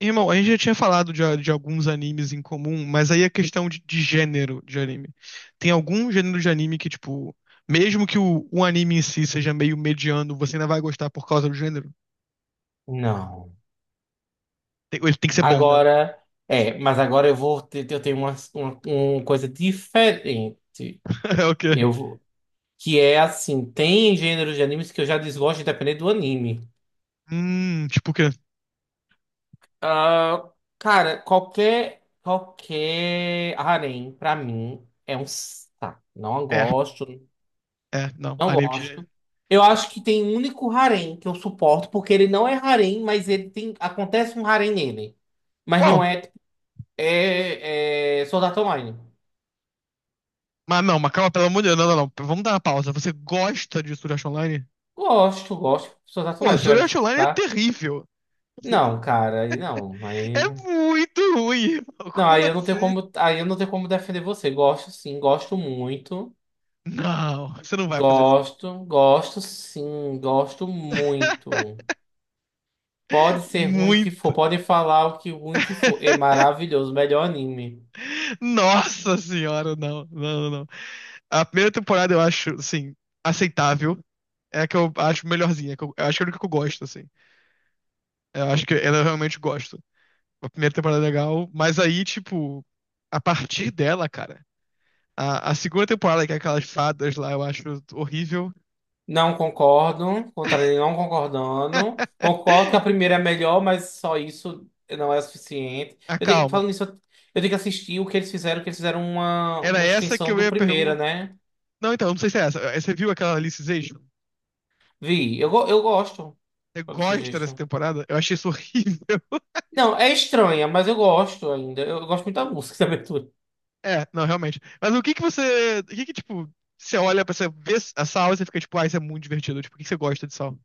Irmão, a gente já tinha falado de alguns animes em comum, mas aí a questão de gênero de anime. Tem algum gênero de anime que, tipo, mesmo que o anime em si seja meio mediano, você ainda vai gostar por causa do gênero? Não. Ele tem que ser bom, né? Agora, mas agora eu tenho uma coisa diferente. É o quê? Eu vou- que é assim, tem gêneros de animes que eu já desgosto independente do anime. Tipo o quê? Ah, cara, qualquer harém pra mim é um saco. Não É, gosto, é, não, não anime de. gosto. Eu acho que tem um único harém que eu suporto porque ele não é harém, mas ele tem acontece um harém nele. Mas não Uau! é É, é Sword Art Online. Mas não, mas calma, pelo amor de Deus, não, não, não, vamos dar uma pausa. Você gosta de Sword Art Online? Gosto, gosto de pessoas Pô, racionais. Você vai Sword me Art Online é criticar? terrível. Não, cara, aí não. É Aí... muito ruim, irmão. Não, Como assim? Aí eu não tenho como defender você. Gosto sim, gosto muito. Não, você não vai fazer isso. Gosto, gosto sim, gosto muito. Pode ser ruim o que for, Muito. pode falar o que ruim que for. É maravilhoso, melhor anime. Nossa senhora, não, não, não, não. A primeira temporada eu acho, assim, aceitável. É a que eu acho melhorzinha. Eu acho que é a única que eu gosto, assim. Eu acho que ela eu realmente gosto. A primeira temporada é legal, mas aí, tipo, a partir dela, cara, a segunda temporada, que é aquelas fadas lá, eu acho horrível. Não concordo, contrário, não concordando. Concordo que a primeira é melhor, mas só isso não é suficiente. Ah, calma. Falando nisso, eu tenho que assistir o que eles fizeram uma, Era uma essa que extensão eu do ia primeira, perguntar. né? Não, então, não sei se é essa. Você viu aquela Alice Zation? Vi, eu gosto Você desse gosta dessa jeito. temporada? Eu achei isso horrível. Não, é estranha, mas eu gosto ainda. Eu gosto muito da música da abertura. É, não, realmente. Mas o que que você. O que que, tipo, você olha pra você ver a sal e você fica, tipo, ah, isso é muito divertido. Tipo, o que que você gosta de sal?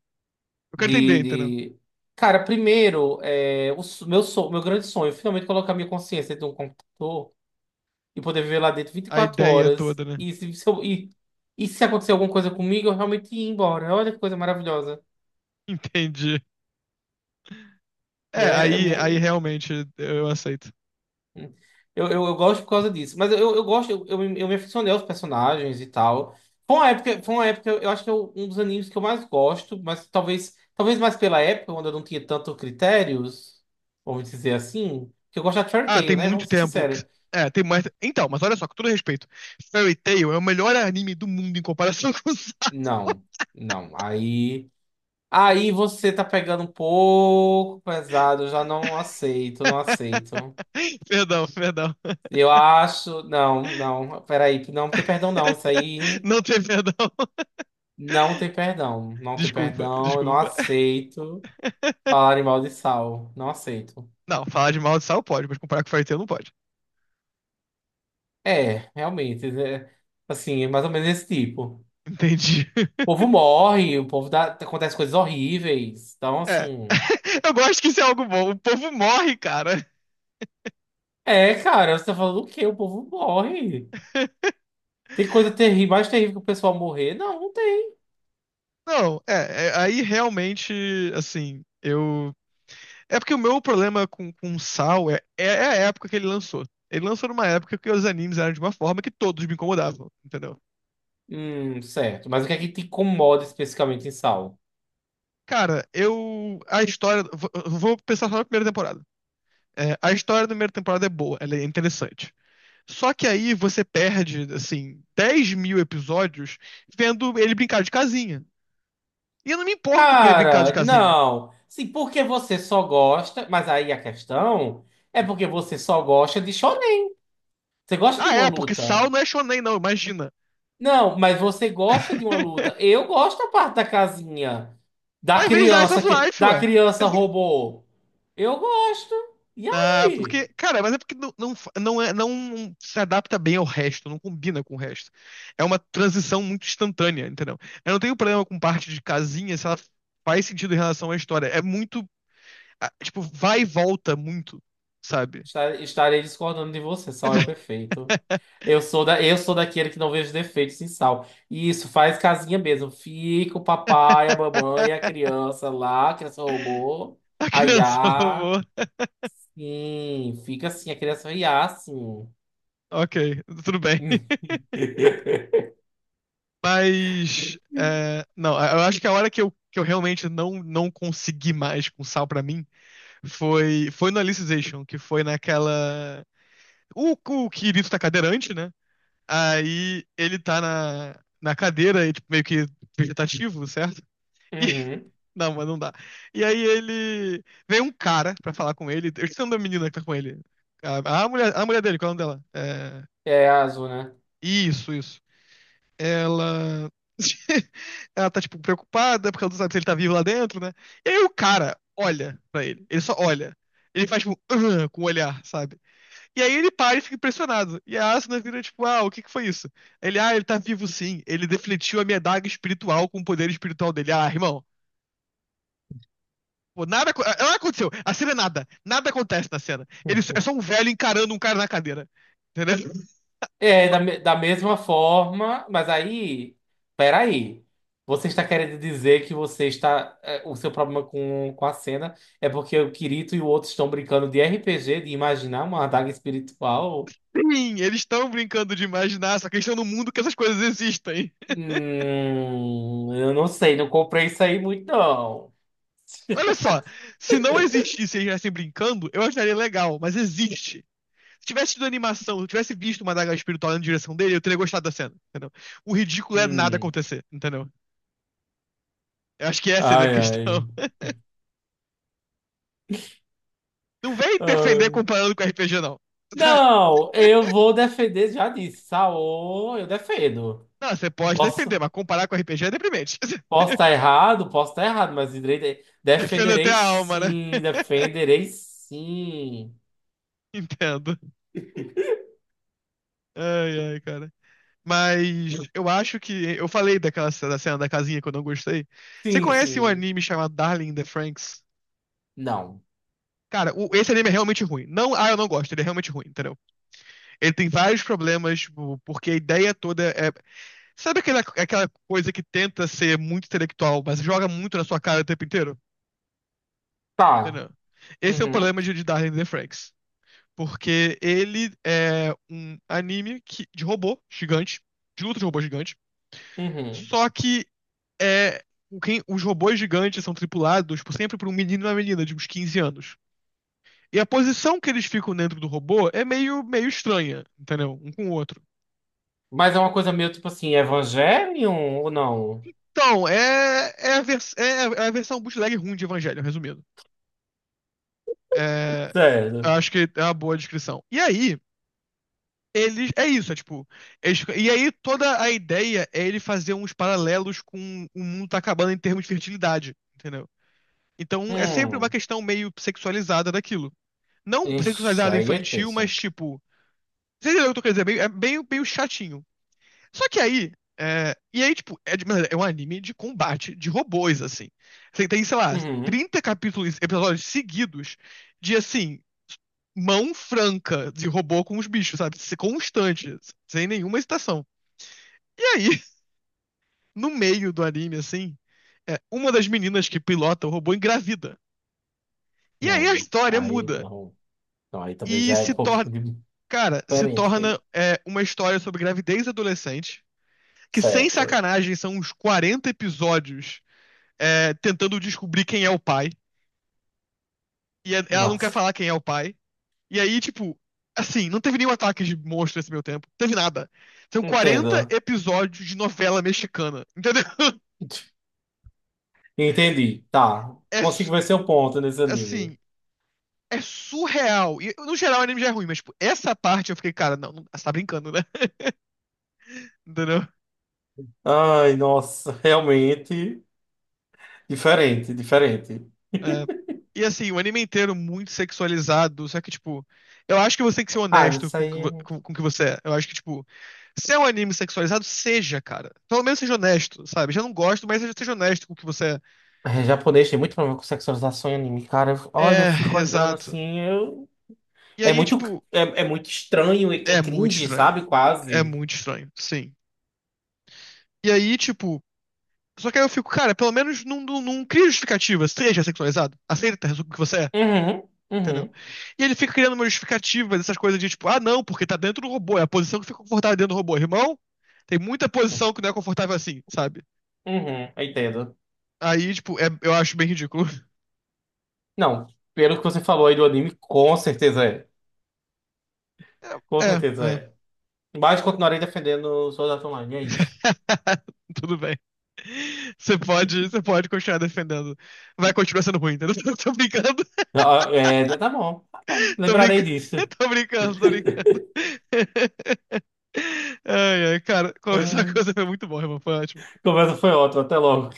Eu quero entender, De, entendeu? de... Cara, primeiro, o meu, meu grande sonho, é finalmente colocar minha consciência dentro de um computador e poder viver lá dentro vinte e A quatro ideia horas. toda, né? E se acontecer alguma coisa comigo, eu realmente ir embora. Olha que coisa maravilhosa, Entendi. É, né? Aí realmente eu aceito. Eu gosto por causa disso. Mas eu gosto, eu me aficionei aos personagens e tal. Foi uma época, eu acho que é um dos animes que eu mais gosto, mas talvez mais pela época, quando eu não tinha tanto critérios, vamos dizer assim, que eu gosto de Fairy Ah, tem Tail, né? muito Vamos ser tempo. Sinceros. É, tem mais. Então, mas olha só, com todo respeito, Fairy Tail é o melhor anime do mundo em comparação com o Sal. Não, não. Aí. Aí você tá pegando um pouco pesado, eu já não aceito, não aceito. Perdão, perdão. Eu acho. Não, não, peraí, não tem perdão, não. Isso aí Não tem perdão. não tem perdão. Não tem Desculpa, perdão, eu não desculpa. aceito falar em mal de sal. Não aceito. Não, falar de maldição pode, mas comparar com Fairy Tail não pode. É, realmente, é, assim, é mais ou menos esse tipo. Entendi. O povo morre, o povo dá, acontece coisas horríveis. Então, É. assim. Eu gosto que isso é algo bom. O povo morre, cara. É, cara, você tá falando o quê? O povo morre. Tem coisa terrível, mais terrível que o pessoal morrer? Não, não tem. Não, é, aí realmente, assim, eu. É porque o meu problema com Sal é a época que ele lançou. Ele lançou numa época que os animes eram de uma forma que todos me incomodavam, entendeu? Certo. Mas o que é que te incomoda especificamente em Saulo? Cara, eu. A história. Vou pensar só na primeira temporada. É, a história da primeira temporada é boa, ela é interessante. Só que aí você perde, assim, 10.000 episódios vendo ele brincar de casinha. E eu não me importo com ele brincar de Cara, casinha. não. Sim, porque você só gosta. Mas aí a questão é porque você só gosta de shonen. Você gosta de Ah, uma é, porque Saul luta. não é shonen, não, imagina. Não, mas você gosta de uma luta. Eu gosto da parte da casinha. Da Mas vez Slice criança of que. Life, Da ué. criança robô. Eu gosto. E Ah, aí? porque, cara, mas é porque não, não, não, é, não se adapta bem ao resto, não combina com o resto. É uma transição muito instantânea, entendeu? Eu não tenho problema com parte de casinha se ela faz sentido em relação à história. É muito ah, tipo, vai e volta muito, sabe? Estarei discordando de você. Sal é perfeito. Eu sou eu sou daquele que não vejo defeitos em Sal. E isso faz casinha mesmo. Fica o papai, a mamãe, a criança lá, a criança robô. A A criança Iá. roubou. Sim, fica assim, a criança Iá, sim. Ok, tudo bem. Mas, é, não, eu acho que a hora que eu realmente não, não consegui mais com sal pra mim foi no Alicization, que foi naquela. O Kirito tá cadeirante, né? Aí ele tá na cadeira, e, tipo, meio que vegetativo, certo? E Uhum. não, mas não dá. E aí ele. Veio um cara pra falar com ele. Eu esqueci o nome da menina que tá com ele. A mulher dele, qual é o nome dela? É, É azul, né? isso, isso. Ela. Ela tá, tipo, preocupada porque ela não sabe se ele tá vivo lá dentro, né? E aí o cara olha pra ele. Ele só olha. Ele faz, tipo, "Ah", com o olhar, sabe? E aí ele para e fica impressionado. E a Asuna vira, tipo, ah, o que que foi isso? Ele tá vivo sim. Ele defletiu a minha daga espiritual com o poder espiritual dele. Ah, irmão. Pô, nada, nada aconteceu. A cena é nada. Nada acontece na cena. Eles é só um velho encarando um cara na cadeira. Entendeu? Da mesma forma, mas aí, peraí. Você está querendo dizer que você está. É, o seu problema com a cena é porque o Kirito e o outro estão brincando de RPG, de imaginar uma adaga espiritual? Sim, eles estão brincando de imaginar, só que eles estão num mundo que essas coisas existem. Eu não sei, não comprei isso aí muito, não. Olha só, se não existisse e eles estivessem brincando, eu acharia legal, mas existe. Se tivesse tido animação, se eu tivesse visto uma daga espiritual na direção dele, eu teria gostado da cena, entendeu? O ridículo é nada Hum. acontecer, entendeu? Eu acho que essa é a minha Ai, questão. ai. Não vem defender Ai. comparando com RPG, não. Tá? Não, eu vou defender, já disse, Saô, eu defendo. Não, você pode defender, Posso, mas comparar com RPG é deprimente. Posso estar errado, mas Defendo até defenderei a alma, né? sim, defenderei sim. Entendo. Ai, ai, cara. Mas eu acho que. Eu falei daquela da cena da casinha que eu não gostei. Você Sim, conhece um sim. anime chamado Darling in the Franxx? Não. Cara, esse anime é realmente ruim. Não, ah, eu não gosto, ele é realmente ruim, entendeu? Ele tem vários problemas, tipo, porque a ideia toda é. Sabe aquela coisa que tenta ser muito intelectual, mas joga muito na sua cara o tempo inteiro? Tá. Entendeu? Esse é o Uhum, problema de Darling in the Franxx. Porque ele é um anime que, de robô gigante, de luta de robô gigante. uhum. Só que é, os robôs gigantes são tripulados por sempre por um menino e uma menina de uns 15 anos. E a posição que eles ficam dentro do robô é meio, meio estranha, entendeu? Um com o outro. Mas é uma coisa meio tipo assim, Evangelion ou não? Então, é, é, a, vers- é a- é a versão bootleg ruim de Evangelho, resumindo. É, Sério. acho que é uma boa descrição. E aí, eles, é isso, é tipo. E aí toda a ideia é ele fazer uns paralelos com o mundo tá acabando em termos de fertilidade, entendeu? Então é sempre uma Hum. questão meio sexualizada daquilo. Não Ixi, sexualizada aí é infantil, mas tenso. tipo. Você entendeu o que eu tô querendo dizer? É meio, meio chatinho. Só que aí. É, e aí, tipo, é, mano, é um anime de combate de robôs, assim. Você tem, sei lá, Uhum. 30 capítulos, episódios seguidos de assim. Mão franca de robô com os bichos, sabe? Constante, sem nenhuma hesitação. E aí, no meio do anime, assim, é, uma das meninas que pilota o robô engravida. E aí Não, a gente, história aí muda. não. Não, aí também E já é se um torna. pouquinho Cara, se diferente torna aí. é, uma história sobre gravidez adolescente, que sem Certo. sacanagem são uns 40 episódios é, tentando descobrir quem é o pai. E é, ela não quer Nossa. falar quem é o pai. E aí, tipo, assim, não teve nenhum ataque de monstro nesse meio tempo. Não teve nada. São Entendo. 40 episódios de novela mexicana, entendeu? Entendi. Tá. É, Consigo ver seu ponto nesse anime. assim, é surreal. E, no geral, o anime já é ruim, mas, tipo, essa parte eu fiquei, cara, não, não você tá brincando, né? Entendeu? Ai, nossa, realmente diferente, diferente. É, e, assim, o anime inteiro muito sexualizado, só que, tipo, eu acho que você tem que ser Ah, honesto isso com o que aí com o que você é. Eu acho que, tipo, se é um anime sexualizado, seja, cara. Pelo menos seja honesto, sabe? Já não gosto, mas seja, seja honesto com o que você é japonês, tem muito problema com sexualização em anime, cara. Olha, eu é. fico É, olhando exato. assim, eu... E É aí, muito, tipo, é muito estranho, é é muito cringe, estranho. sabe? É Quase. muito estranho, sim. E aí, tipo, só que aí eu fico, cara, pelo menos não, não, não cria justificativa, seja sexualizado. Aceita o que você é. Uhum, Entendeu? uhum, E ele fica criando uma justificativa dessas coisas de tipo, ah, não, porque tá dentro do robô, é a posição que fica confortável dentro do robô. Irmão, tem muita posição que não é confortável assim, sabe? uhum, eu entendo. Aí, tipo, eu acho bem ridículo. Não, pelo que você falou aí do anime, com certeza é. Com É, é, certeza é. é. Mas continuarei defendendo o Sword Art Online, é isso. Tudo bem. Você pode continuar defendendo. Vai continuar sendo ruim, entendeu? Ah, é, tá bom, tô lembrarei brincando, disso. tô brincando, tô brincando. Ai, ai, cara, conversar Ah, com você foi muito bom, irmão. Foi ótimo. conversa foi ótima, até logo.